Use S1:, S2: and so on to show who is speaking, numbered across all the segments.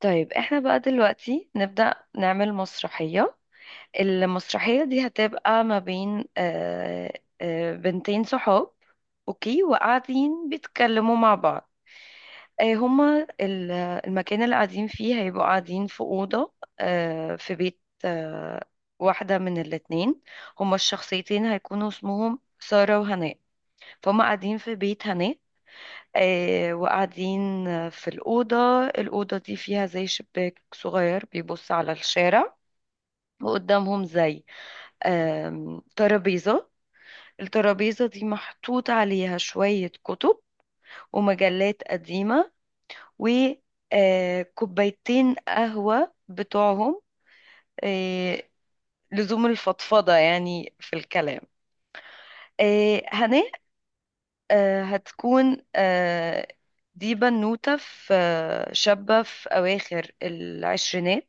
S1: طيب احنا بقى دلوقتي نبدأ نعمل مسرحية. المسرحية دي هتبقى ما بين بنتين صحاب. اوكي، وقاعدين بيتكلموا مع بعض. آه، هما ال- المكان اللي قاعدين فيه هيبقوا قاعدين في أوضة، في بيت، واحدة من الاتنين. هما الشخصيتين هيكونوا اسمهم سارة وهناء، فهم قاعدين في بيت هناء، وقاعدين في الأوضة. الأوضة دي فيها زي شباك صغير بيبص على الشارع، وقدامهم زي ترابيزة. الترابيزة دي محطوط عليها شوية كتب ومجلات قديمة وكوبايتين قهوة بتوعهم، آه، لزوم الفضفضة يعني في الكلام. هناك، آه، هتكون آه، دي بنوتة، في آه، شابة في أواخر العشرينات.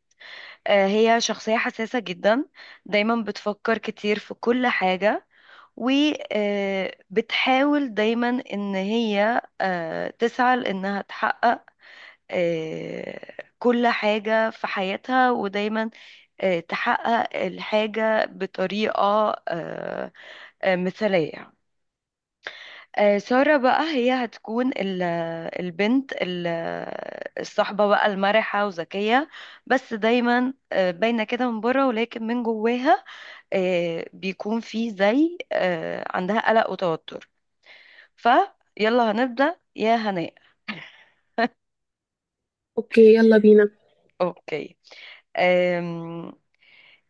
S1: هي شخصية حساسة جدا، دايما بتفكر كتير في كل حاجة، وبتحاول دايما إن هي تسعى لإنها تحقق آه، كل حاجة في حياتها، ودايما تحقق الحاجة بطريقة مثالية. سارة بقى هي هتكون البنت ال- الصحبة بقى المرحة وذكية، بس دايما باينة كده من بره، ولكن من جواها بيكون في زي عندها قلق وتوتر. فيلا هنبدأ يا هناء.
S2: اوكي، يلا بينا.
S1: اوكي. أم،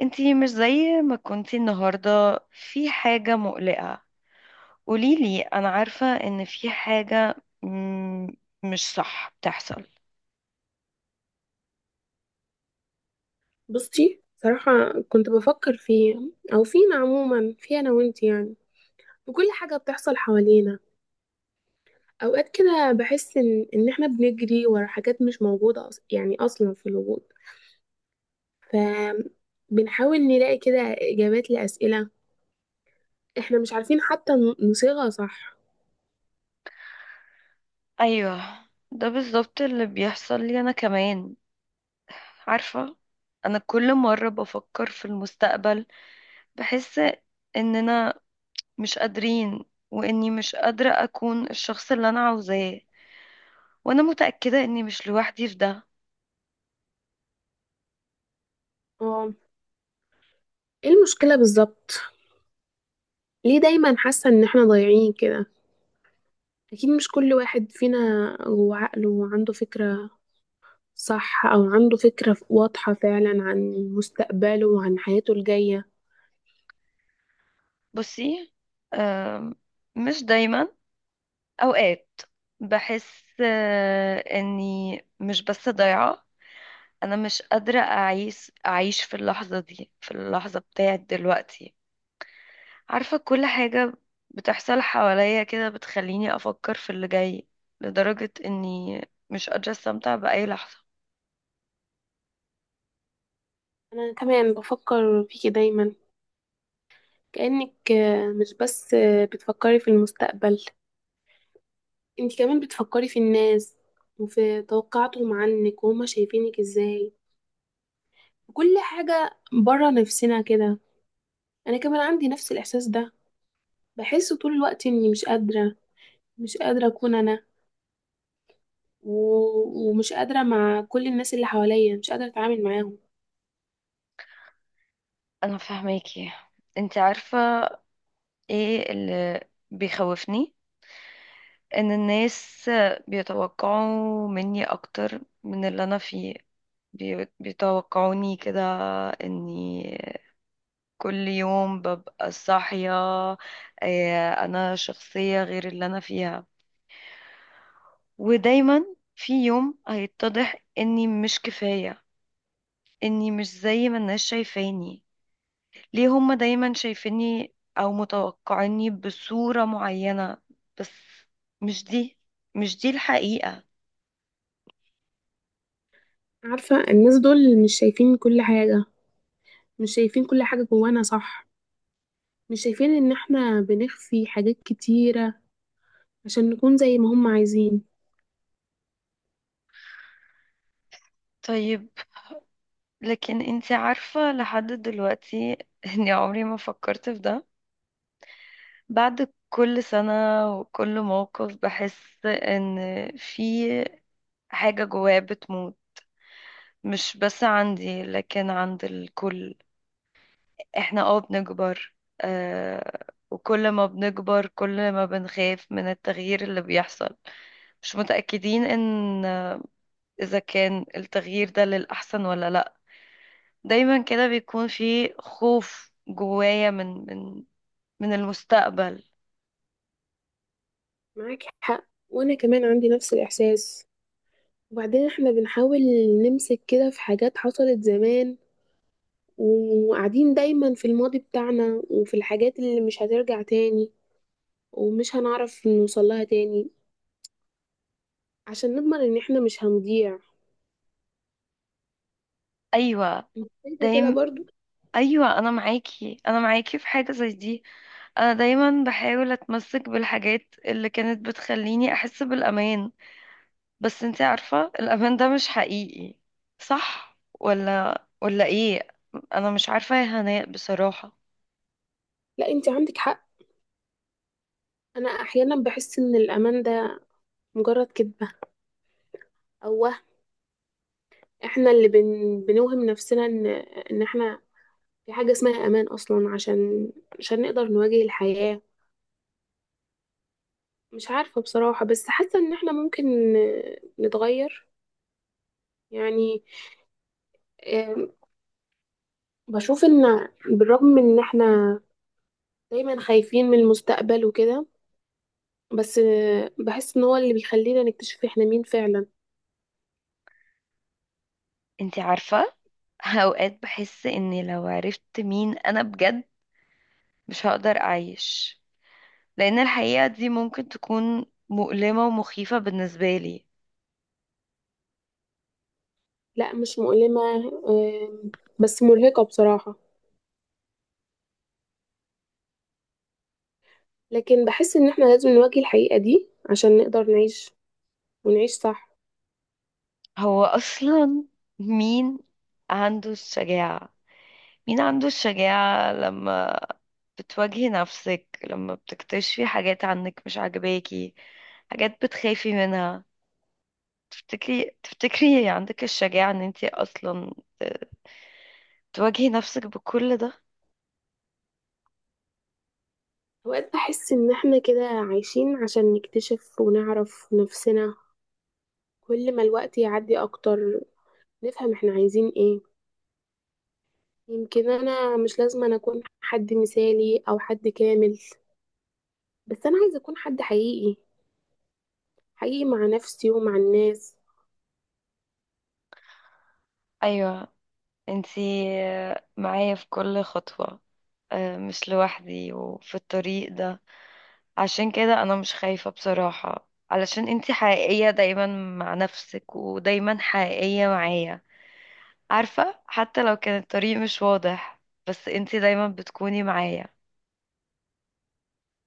S1: انتي مش زي ما كنتي النهاردة، في حاجة مقلقة؟ قوليلي، انا عارفة ان في حاجة مم، مش صح بتحصل.
S2: بصي صراحة كنت بفكر فيه، او فينا عموما، في انا وانت يعني، وكل حاجة بتحصل حوالينا. اوقات كده بحس ان احنا بنجري ورا حاجات مش موجودة يعني اصلا في الوجود. ف بنحاول نلاقي كده اجابات لأسئلة احنا مش عارفين حتى نصيغها صح.
S1: ايوه، ده بالظبط اللي بيحصل لي انا كمان، عارفة. انا كل مرة بفكر في المستقبل بحس اننا مش قادرين، واني مش قادرة اكون الشخص اللي انا عاوزاه، وانا متأكدة اني مش لوحدي في ده.
S2: اه، ايه المشكلة بالظبط؟ ليه دايما حاسة ان احنا ضايعين كده؟ اكيد مش كل واحد فينا جوه عقله وعنده فكرة صح، أو عنده فكرة واضحة فعلا عن مستقبله وعن حياته الجاية.
S1: بصي، آم، مش دايما. اوقات بحس اني مش بس ضايعة، انا مش قادرة اعيش، اعيش في اللحظة دي، في اللحظة بتاعت دلوقتي. عارفة، كل حاجة بتحصل حواليا كده بتخليني أفكر في اللي جاي، لدرجة إني مش قادرة استمتع بأي لحظة.
S2: أنا كمان بفكر فيكي دايما، كأنك مش بس بتفكري في المستقبل، انت كمان بتفكري في الناس وفي توقعاتهم عنك وهما شايفينك ازاي، كل حاجة برا نفسنا كده. أنا كمان عندي نفس الإحساس ده، بحس طول الوقت إني مش قادرة أكون أنا، و... ومش قادرة مع كل الناس اللي حواليا، مش قادرة أتعامل معاهم.
S1: أنا فاهماكي. أنت عارفة إيه اللي بيخوفني؟ إن الناس بيتوقعوا مني أكتر من اللي أنا فيه. بيتوقعوني كده، إني كل يوم ببقى صاحية أنا شخصية غير اللي أنا فيها. ودايما في يوم هيتضح اني مش كفاية، اني مش زي ما الناس شايفاني. ليه هما دايما شايفيني او متوقعيني بصورة معينة؟ بس مش دي مش دي الحقيقة.
S2: عارفة الناس دول مش شايفين كل حاجة، مش شايفين كل حاجة جوانا صح، مش شايفين ان احنا بنخفي حاجات كتيرة عشان نكون زي ما هم عايزين.
S1: طيب، لكن انتي عارفة لحد دلوقتي اني عمري ما فكرت في ده. بعد كل سنة وكل موقف بحس ان في حاجة جوايا بتموت، مش بس عندي لكن عند الكل. احنا اه بنكبر، آه، وكل ما بنكبر كل ما بنخاف من التغيير اللي بيحصل، مش متأكدين ان اذا كان التغيير ده للأحسن ولا لا. دايما كده بيكون في خوف جوايا من من المستقبل.
S2: معاك حق، وانا كمان عندي نفس الاحساس. وبعدين احنا بنحاول نمسك كده في حاجات حصلت زمان، وقاعدين دايما في الماضي بتاعنا وفي الحاجات اللي مش هترجع تاني ومش هنعرف نوصلها تاني، عشان نضمن ان احنا مش هنضيع.
S1: ايوه.
S2: انت شايفة كده
S1: دايما.
S2: برضو؟
S1: ايوه، انا معاكي، انا معاكي في حاجه زي دي. انا دايما بحاول اتمسك بالحاجات اللي كانت بتخليني احس بالامان، بس انتي عارفة الأمان ده مش حقيقي. صح ولا ايه؟ انا مش عارفة يا هناء بصراحة.
S2: لا، انت عندك حق. انا احيانا بحس ان الامان ده مجرد كدبة أو وهم، احنا اللي بنوهم نفسنا ان احنا في حاجة اسمها امان اصلا، عشان عشان نقدر نواجه الحياة. مش عارفة بصراحة، بس حاسة ان احنا ممكن نتغير. يعني آه، بشوف ان بالرغم ان احنا دايما خايفين من المستقبل وكده، بس بحس ان هو اللي بيخلينا نكتشف احنا مين فعلا.
S1: انتي عارفة، اوقات بحس اني لو عرفت مين انا بجد مش هقدر اعيش، لان الحقيقة دي ممكن تكون مؤلمة ومخيفة بالنسبة لي.
S2: لا مش مؤلمة، آه، بس مرهقة بصراحة، لكن بحس ان احنا لازم نواجه الحقيقة دي عشان نقدر نعيش، ونعيش صح.
S1: هو اصلا مين عنده الشجاعة؟ مين عنده الشجاعة لما بتواجهي نفسك، لما بتكتشفي حاجات عنك مش عاجباكي، حاجات بتخافي منها؟ تفتكري عندك الشجاعة ان انتي اصلا ت- تواجهي نفسك بكل ده؟
S2: أوقات بحس إن إحنا كده عايشين عشان نكتشف ونعرف نفسنا، كل ما الوقت يعدي أكتر نفهم إحنا عايزين إيه. يمكن أنا مش لازم أنا أكون حد مثالي أو حد كامل، بس أنا عايزة أكون حد حقيقي، حقيقي مع نفسي ومع الناس.
S1: ايوه، انتي معايا في كل خطوة، مش لوحدي وفي الطريق ده. عشان كده انا مش خايفة بصراحة، علشان انتي حقيقية دايما مع نفسك، ودايما حقيقية معايا. عارفة، حتى لو كان الطريق مش واضح، بس انتي دايما بتكوني معايا.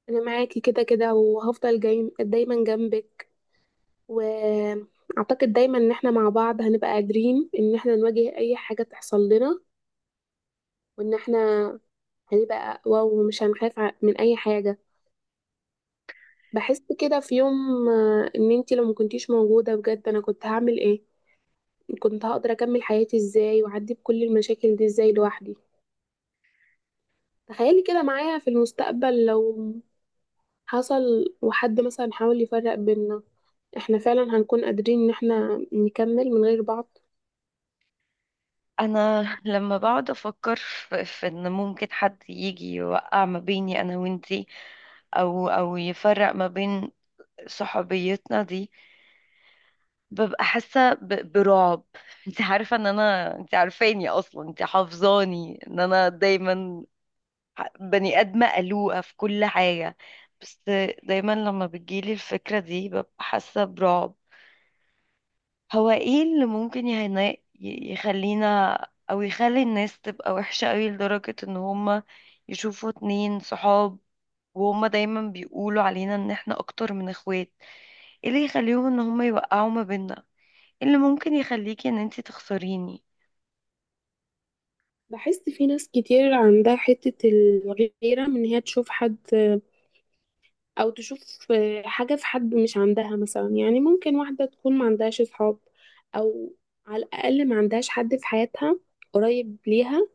S2: أنا معاكي كده كده، وهفضل جاي دايما جنبك، وأعتقد دايما إن إحنا مع بعض هنبقى قادرين إن إحنا نواجه أي حاجة تحصل لنا، وإن إحنا هيبقى واو مش هنخاف من اي حاجه. بحس كده في يوم، ان انتي لو ما كنتيش موجوده بجد انا كنت هعمل ايه؟ كنت هقدر اكمل حياتي ازاي واعدي بكل المشاكل دي ازاي لوحدي؟ تخيلي كده معايا في المستقبل لو حصل وحد مثلا حاول يفرق بينا، احنا فعلا هنكون قادرين ان احنا نكمل من غير بعض؟
S1: انا لما بقعد افكر في ان ممكن حد يجي يوقع ما بيني انا وانتي، او يفرق ما بين صحوبيتنا دي، ببقى حاسة برعب. انتي عارفة ان انا، انتي عارفاني اصلا، انتي حافظاني ان انا دايما بني آدمة قلوقة في كل حاجة، بس دايما لما بتجيلي الفكرة دي ببقى حاسة برعب. هو ايه اللي ممكن يخلينا، او يخلي الناس تبقى وحشة قوي لدرجة ان هما يشوفوا اتنين صحاب وهما دايما بيقولوا علينا ان احنا اكتر من اخوات؟ ايه اللي يخليهم ان هما يوقعوا ما بيننا؟ إيه اللي ممكن يخليكي ان انتي تخسريني؟
S2: بحس في ناس كتير عندها حتة الغيرة من ان هي تشوف حد، او تشوف حاجة في حد مش عندها. مثلا يعني ممكن واحدة تكون ما عندهاش صحاب، او على الاقل ما عندهاش حد في حياتها قريب ليها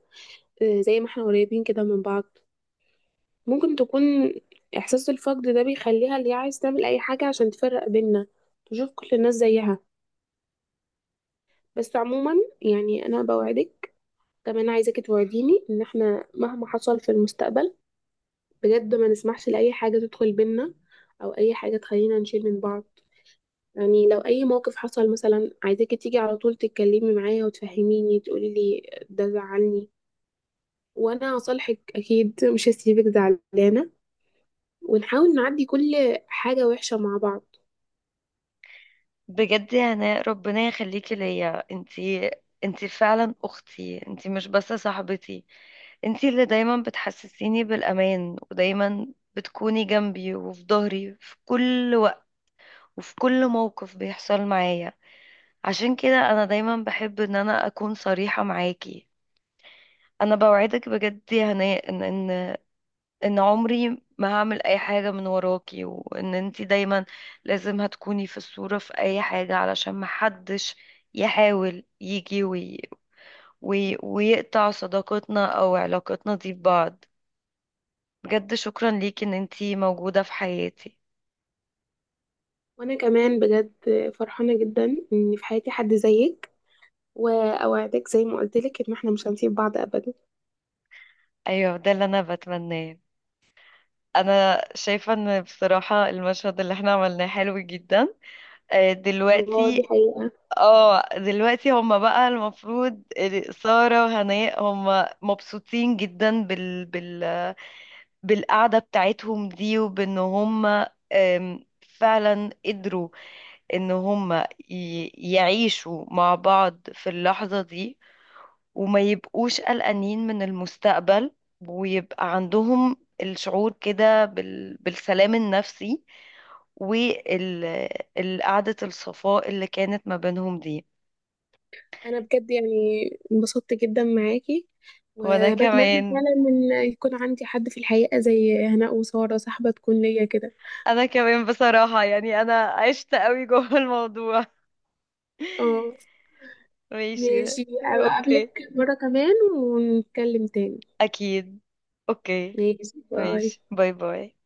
S2: زي ما احنا قريبين كده من بعض. ممكن تكون احساس الفقد ده بيخليها اللي هي عايز تعمل اي حاجة عشان تفرق بيننا، تشوف كل الناس زيها. بس عموما، يعني انا بوعدك، كمان عايزاكي توعديني ان احنا مهما حصل في المستقبل بجد ما نسمحش لاي حاجة تدخل بينا، او اي حاجة تخلينا نشيل من بعض. يعني لو اي موقف حصل مثلا، عايزاكي تيجي على طول تتكلمي معايا وتفهميني، تقولي لي ده زعلني وانا هصالحك اكيد، مش هسيبك زعلانه. ونحاول نعدي كل حاجه وحشه مع بعض.
S1: بجد يا هناء، ربنا يخليكي ليا. انتي انتي فعلا اختي، انتي مش بس صاحبتي، انتي اللي دايما بتحسسيني بالامان، ودايما بتكوني جنبي وفي ظهري في كل وقت وفي كل موقف بيحصل معايا. عشان كده انا دايما بحب ان انا اكون صريحة معاكي. انا بوعدك بجد يا هناء ان عمري ما هعمل اي حاجة من وراكي، وان انتي دايما لازم هتكوني في الصورة في اي حاجة، علشان محدش يحاول يجي ويقطع صداقتنا او علاقتنا دي ببعض. بجد شكرا ليكي ان انتي موجودة في حياتي.
S2: وانا كمان بجد فرحانه جدا ان في حياتي حد زيك، واوعدك زي ما قلت لك ان احنا مش هنسيب بعض ابدا.
S1: ايوه، ده اللي انا بتمناه. انا شايفة ان بصراحة المشهد اللي احنا عملناه حلو جدا.
S2: الله دي
S1: دلوقتي،
S2: حقيقه.
S1: اه دلوقتي هما بقى المفروض، سارة وهناء هما مبسوطين جدا بالقعدة بتاعتهم دي، وبان هما فعلا قدروا ان هما يعيشوا مع بعض في اللحظة دي، وما يبقوش قلقانين من المستقبل، ويبقى عندهم الشعور كده بالسلام النفسي، والقعدة الصفاء اللي كانت ما بينهم دي.
S2: انا بجد يعني انبسطت جدا معاكي،
S1: وانا
S2: وبتمنى
S1: كمان،
S2: فعلا ان يكون عندي حد في الحقيقه زي هناء وساره، صاحبه تكون ليا كده.
S1: انا كمان بصراحة، يعني انا عشت قوي جوه الموضوع.
S2: اه،
S1: ماشي.
S2: ماشي. ابقى اقابلك
S1: اوكي.
S2: مرة كمان ونتكلم تاني.
S1: اكيد. اوكي.
S2: ماشي، باي.
S1: ماشي، باي باي.